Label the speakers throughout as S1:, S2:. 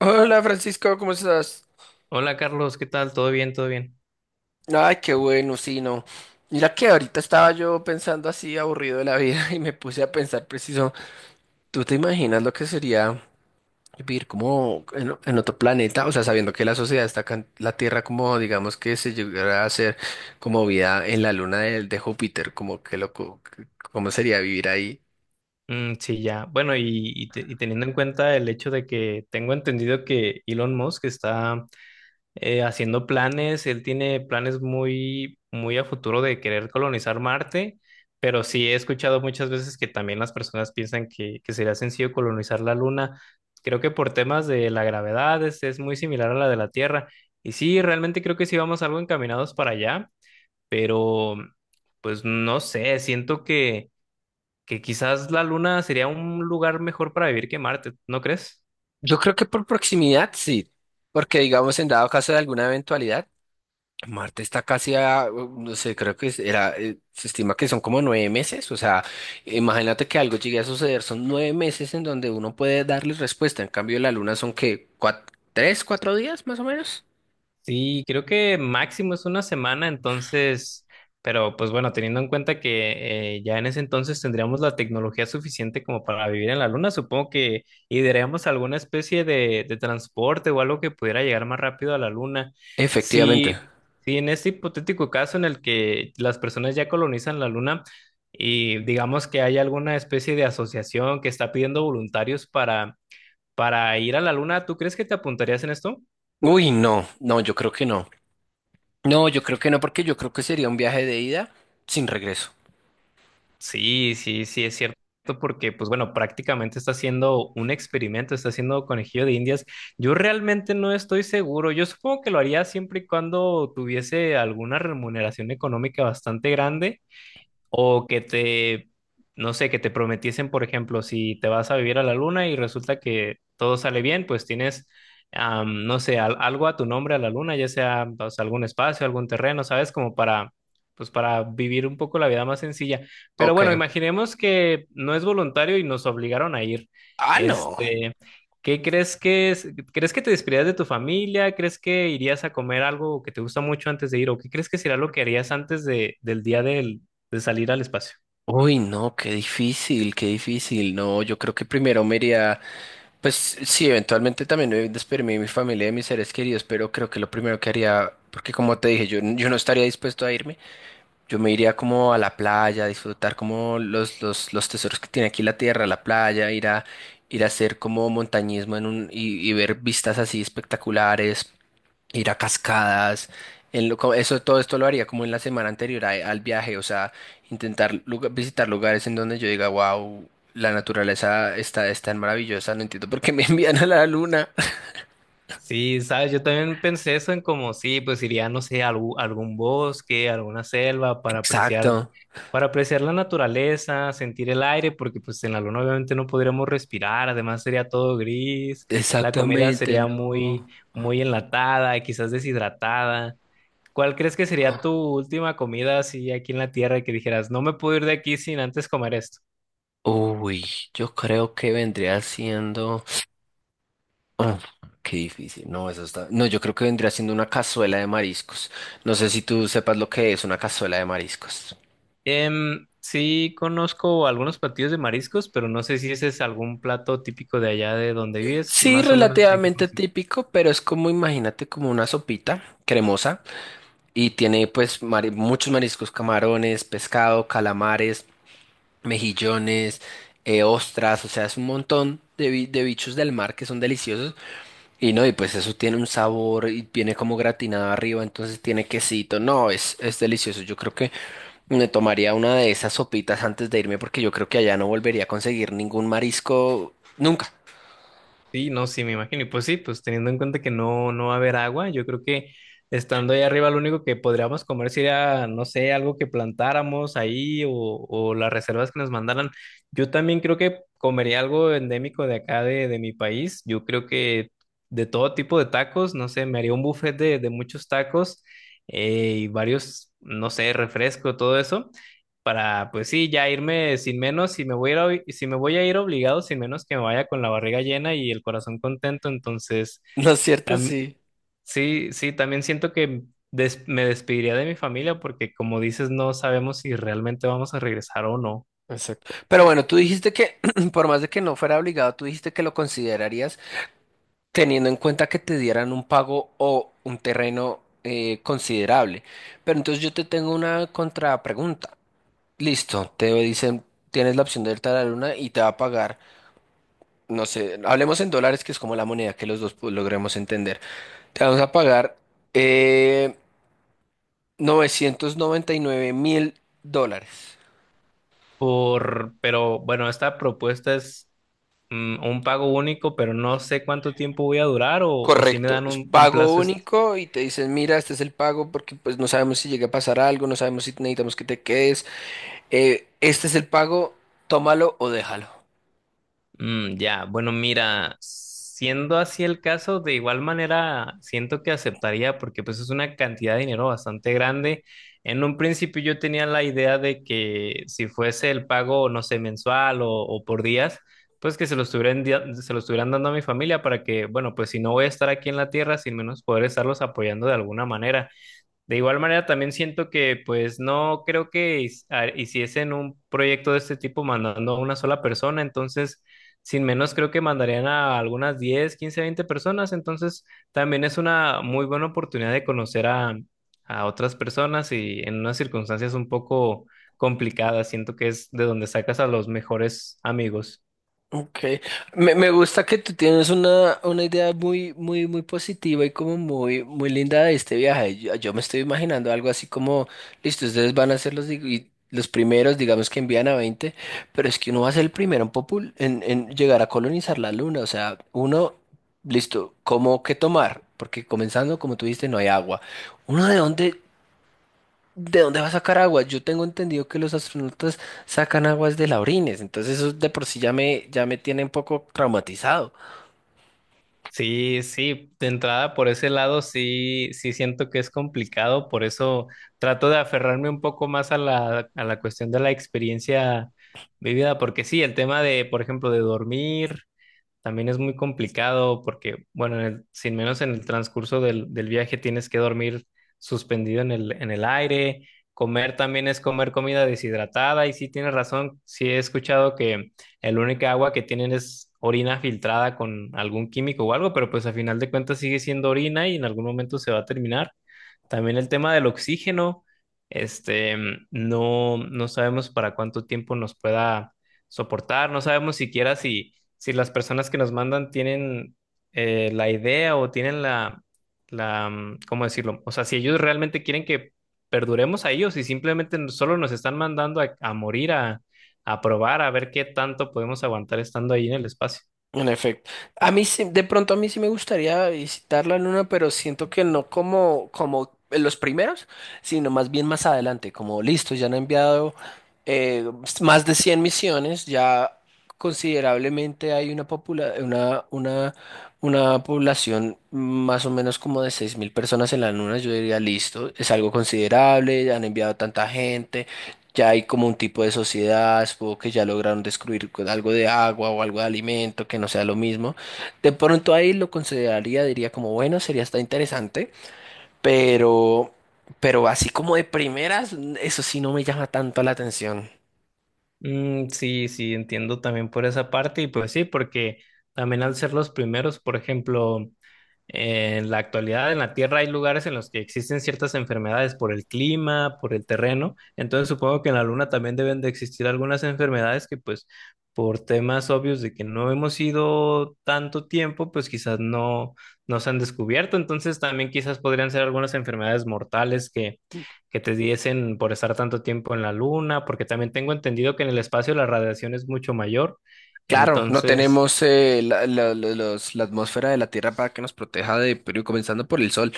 S1: Hola Francisco, ¿cómo estás?
S2: Hola Carlos, ¿qué tal? ¿Todo bien? ¿Todo bien?
S1: Ay, qué bueno, sí, no. Mira que ahorita estaba yo pensando así, aburrido de la vida, y me puse a pensar preciso, ¿tú te imaginas lo que sería vivir como en otro planeta? O sea, sabiendo que la sociedad está acá en la Tierra, como digamos que se llegara a hacer como vida en la luna de Júpiter, como que loco, ¿cómo sería vivir ahí?
S2: Mm, sí, ya. Bueno, y teniendo en cuenta el hecho de que tengo entendido que Elon Musk está haciendo planes. Él tiene planes muy, muy a futuro de querer colonizar Marte, pero sí he escuchado muchas veces que también las personas piensan que sería sencillo colonizar la Luna. Creo que por temas de la gravedad es muy similar a la de la Tierra. Y sí, realmente creo que sí vamos algo encaminados para allá, pero pues no sé, siento que quizás la Luna sería un lugar mejor para vivir que Marte, ¿no crees?
S1: Yo creo que por proximidad, sí, porque digamos en dado caso de alguna eventualidad. Marte está casi a, no sé, creo que era, se estima que son como 9 meses, o sea, imagínate que algo llegue a suceder, son 9 meses en donde uno puede darle respuesta, en cambio la Luna son que, 3, 4 días más o menos.
S2: Sí, creo que máximo es una semana. Entonces, pero pues bueno, teniendo en cuenta que ya en ese entonces tendríamos la tecnología suficiente como para vivir en la Luna, supongo que idearíamos alguna especie de transporte o algo que pudiera llegar más rápido a la Luna.
S1: Efectivamente.
S2: Si, si en este hipotético caso en el que las personas ya colonizan la Luna, y digamos que hay alguna especie de asociación que está pidiendo voluntarios para ir a la Luna, ¿tú crees que te apuntarías en esto?
S1: Uy, no, no, yo creo que no. No, yo creo que no, porque yo creo que sería un viaje de ida sin regreso.
S2: Sí, sí, sí, es cierto, porque pues bueno, prácticamente está haciendo un experimento, está haciendo conejillo de indias. Yo realmente no estoy seguro, yo supongo que lo haría siempre y cuando tuviese alguna remuneración económica bastante grande. O que te, no sé, que te prometiesen, por ejemplo, si te vas a vivir a la Luna y resulta que todo sale bien, pues tienes, no sé, algo a tu nombre a la Luna, ya sea, o sea, algún espacio, algún terreno, ¿sabes? Como pues para vivir un poco la vida más sencilla. Pero
S1: Ok.
S2: bueno, imaginemos que no es voluntario y nos obligaron a ir.
S1: Ah, no.
S2: Este, ¿Qué crees que es? ¿Crees que te despedirías de tu familia? ¿Crees que irías a comer algo que te gusta mucho antes de ir? ¿O qué crees que será lo que harías antes del día de salir al espacio?
S1: Uy, no, qué difícil, qué difícil. No, yo creo que primero me iría. Pues sí, eventualmente también me despedirme de mi familia y de mis seres queridos, pero creo que lo primero que haría, porque como te dije, yo no estaría dispuesto a irme, yo me iría como a la playa, a disfrutar como los tesoros que tiene aquí la tierra, la playa, ir a hacer como montañismo en un, y ver vistas así espectaculares, ir a cascadas, eso, todo esto lo haría como en la semana anterior al viaje, o sea, intentar visitar lugares en donde yo diga, wow, la naturaleza está, es tan maravillosa, no entiendo por qué me envían a la luna.
S2: Sí, sabes, yo también pensé eso en como, sí, pues iría, no sé, a algún bosque, alguna selva
S1: Exacto,
S2: para apreciar la naturaleza, sentir el aire, porque pues en la Luna obviamente no podríamos respirar. Además sería todo gris, la comida
S1: exactamente,
S2: sería
S1: no.
S2: muy, muy enlatada, quizás deshidratada. ¿Cuál crees que sería tu última comida así aquí en la Tierra, que dijeras, no me puedo ir de aquí sin antes comer esto?
S1: Uy, yo creo que vendría siendo. Ah, qué difícil, no, eso está. No, yo creo que vendría siendo una cazuela de mariscos. No sé si tú sepas lo que es una cazuela de mariscos.
S2: Sí, conozco algunos platillos de mariscos, pero no sé si ese es algún plato típico de allá de donde vives.
S1: Sí,
S2: Más o menos, ¿en qué
S1: relativamente
S2: consiste?
S1: típico, pero es como, imagínate, como una sopita cremosa y tiene pues muchos mariscos, camarones, pescado, calamares, mejillones, ostras, o sea, es un montón de bichos del mar que son deliciosos y no, y pues eso tiene un sabor y viene como gratinado arriba, entonces tiene quesito, no, es, delicioso, yo creo que me tomaría una de esas sopitas antes de irme porque yo creo que allá no volvería a conseguir ningún marisco nunca,
S2: Sí, no, sí, me imagino. Y pues sí, pues teniendo en cuenta que no, no va a haber agua, yo creo que estando ahí arriba lo único que podríamos comer sería, no sé, algo que plantáramos ahí, o las reservas que nos mandaran. Yo también creo que comería algo endémico de acá de mi país. Yo creo que de todo tipo de tacos, no sé, me haría un buffet de muchos tacos, y varios, no sé, refresco, todo eso para, pues sí, ya irme sin menos, si me voy a ir, si me voy a ir obligado, sin menos que me vaya con la barriga llena y el corazón contento. Entonces
S1: ¿no es cierto? Sí.
S2: sí, sí, también siento que me despediría de mi familia porque, como dices, no sabemos si realmente vamos a regresar o no.
S1: Exacto. Pero bueno, tú dijiste que, por más de que no fuera obligado, tú dijiste que lo considerarías teniendo en cuenta que te dieran un pago o un terreno considerable. Pero entonces yo te tengo una contrapregunta. Listo, te dicen, tienes la opción de irte a la luna y te va a pagar, no sé, hablemos en dólares, que es como la moneda que los dos pues, logremos entender. Te vamos a pagar eh, 999 mil dólares.
S2: Pero bueno, esta propuesta es un pago único, pero no sé cuánto tiempo voy a durar, o si me
S1: Correcto,
S2: dan
S1: es
S2: un
S1: pago
S2: plazo.
S1: único y te dicen, mira, este es el pago porque pues no sabemos si llega a pasar algo, no sabemos si necesitamos que te quedes, este es el pago, tómalo o déjalo.
S2: Mm, ya, bueno, mira, siendo así el caso, de igual manera siento que aceptaría, porque pues es una cantidad de dinero bastante grande. En un principio yo tenía la idea de que si fuese el pago, no sé, mensual, o por días, pues que se lo estuvieran dando a mi familia, para que, bueno, pues si no voy a estar aquí en la Tierra, sin menos poder estarlos apoyando de alguna manera. De igual manera, también siento que, pues, no creo que hiciesen un proyecto de este tipo mandando a una sola persona. Entonces, sin menos, creo que mandarían a algunas 10, 15, 20 personas. Entonces, también es una muy buena oportunidad de conocer a otras personas, y en unas circunstancias un poco complicadas, siento que es de donde sacas a los mejores amigos.
S1: Ok, me gusta que tú tienes una, idea muy, muy, muy positiva y como muy, muy linda de este viaje. Yo me estoy imaginando algo así como, listo, ustedes van a ser los primeros, digamos que envían a 20, pero es que uno va a ser el primero en llegar a colonizar la luna. O sea, uno, listo, ¿cómo qué tomar? Porque comenzando, como tú dijiste, no hay agua. ¿Uno de dónde? ¿De dónde va a sacar agua? Yo tengo entendido que los astronautas sacan aguas de la orines, entonces eso de por sí ya me tiene un poco traumatizado.
S2: Sí, sí, de entrada por ese lado sí, sí siento que es complicado. Por eso trato de aferrarme un poco más a la cuestión de la experiencia vivida, porque sí, el tema de, por ejemplo, de dormir, también es muy complicado porque, bueno, en el, sin menos en el transcurso del viaje tienes que dormir suspendido en el aire. Comer también es comer comida deshidratada, y sí, tienes razón, sí he escuchado que el única agua que tienen es orina filtrada con algún químico o algo, pero pues a final de cuentas sigue siendo orina, y en algún momento se va a terminar. También el tema del oxígeno, este, no, no sabemos para cuánto tiempo nos pueda soportar, no sabemos siquiera si las personas que nos mandan tienen la idea, o tienen la, ¿cómo decirlo? O sea, si ellos realmente quieren que perduremos a ellos, y simplemente solo nos están mandando a morir, a probar, a ver qué tanto podemos aguantar estando ahí en el espacio.
S1: En efecto. De pronto a mí sí me gustaría visitar la luna, pero siento que no como los primeros, sino más bien más adelante, como listo, ya han enviado eh, más de 100 misiones, ya considerablemente hay una, una población más o menos como de 6.000 personas en la luna, yo diría listo, es algo considerable, ya han enviado tanta gente. Ya hay como un tipo de sociedad, supongo que ya lograron descubrir algo de agua o algo de alimento que no sea lo mismo. De pronto ahí lo consideraría, diría como, bueno, sería hasta interesante, pero, pero, así como de primeras, eso sí no me llama tanto la atención.
S2: Mm, sí, sí, entiendo también por esa parte. Y pues sí, porque también al ser los primeros, por ejemplo, en la actualidad en la Tierra hay lugares en los que existen ciertas enfermedades por el clima, por el terreno. Entonces supongo que en la Luna también deben de existir algunas enfermedades que, pues, por temas obvios de que no hemos ido tanto tiempo, pues quizás no, no se han descubierto. Entonces también quizás podrían ser algunas enfermedades mortales que te diesen por estar tanto tiempo en la Luna, porque también tengo entendido que en el espacio la radiación es mucho mayor.
S1: Claro, no
S2: Entonces,
S1: tenemos la, la atmósfera de la Tierra para que nos proteja de, pero comenzando por el sol.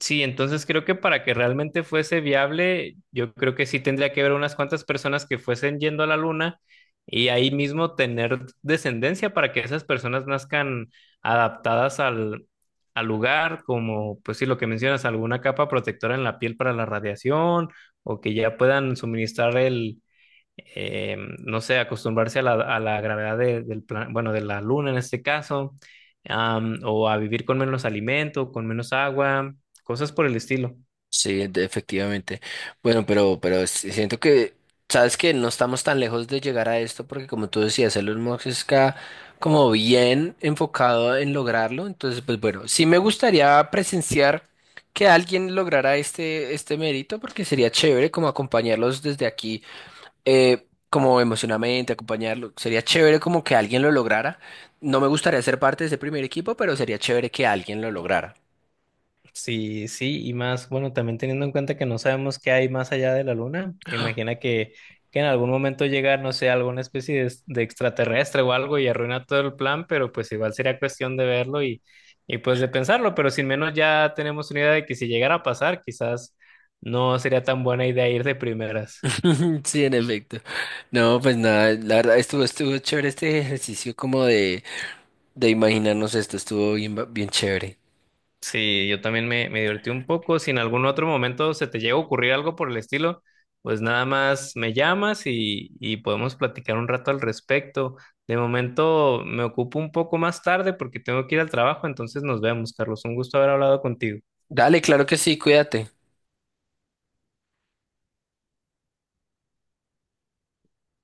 S2: sí, entonces creo que para que realmente fuese viable, yo creo que sí tendría que haber unas cuantas personas que fuesen yendo a la Luna, y ahí mismo tener descendencia para que esas personas nazcan adaptadas al, al lugar, como pues sí lo que mencionas, alguna capa protectora en la piel para la radiación, o que ya puedan suministrar el, no sé, acostumbrarse a la gravedad bueno, de la Luna en este caso, o a vivir con menos alimento, con menos agua, cosas por el estilo.
S1: Sí, efectivamente. Bueno, pero, sí siento que, sabes que no estamos tan lejos de llegar a esto, porque como tú decías, Elon Musk está como bien enfocado en lograrlo. Entonces, pues bueno, sí me gustaría presenciar que alguien lograra este mérito, porque sería chévere como acompañarlos desde aquí, como emocionalmente, acompañarlo. Sería chévere como que alguien lo lograra. No me gustaría ser parte de ese primer equipo, pero sería chévere que alguien lo lograra.
S2: Sí, sí, y más, bueno, también teniendo en cuenta que no sabemos qué hay más allá de la Luna, imagina que en algún momento llega, no sé, alguna especie de extraterrestre o algo, y arruina todo el plan. Pero pues igual sería cuestión de verlo, y pues de pensarlo, pero sin menos ya tenemos una idea de que, si llegara a pasar, quizás no sería tan buena idea ir de primeras.
S1: Sí, en efecto. No, pues nada, la verdad estuvo, chévere este ejercicio como de imaginarnos esto, estuvo bien, bien chévere.
S2: Sí, yo también me divertí un poco. Si en algún otro momento se te llega a ocurrir algo por el estilo, pues nada más me llamas, y podemos platicar un rato al respecto. De momento me ocupo un poco más tarde porque tengo que ir al trabajo. Entonces nos vemos, Carlos. Un gusto haber hablado contigo.
S1: Dale, claro que sí, cuídate.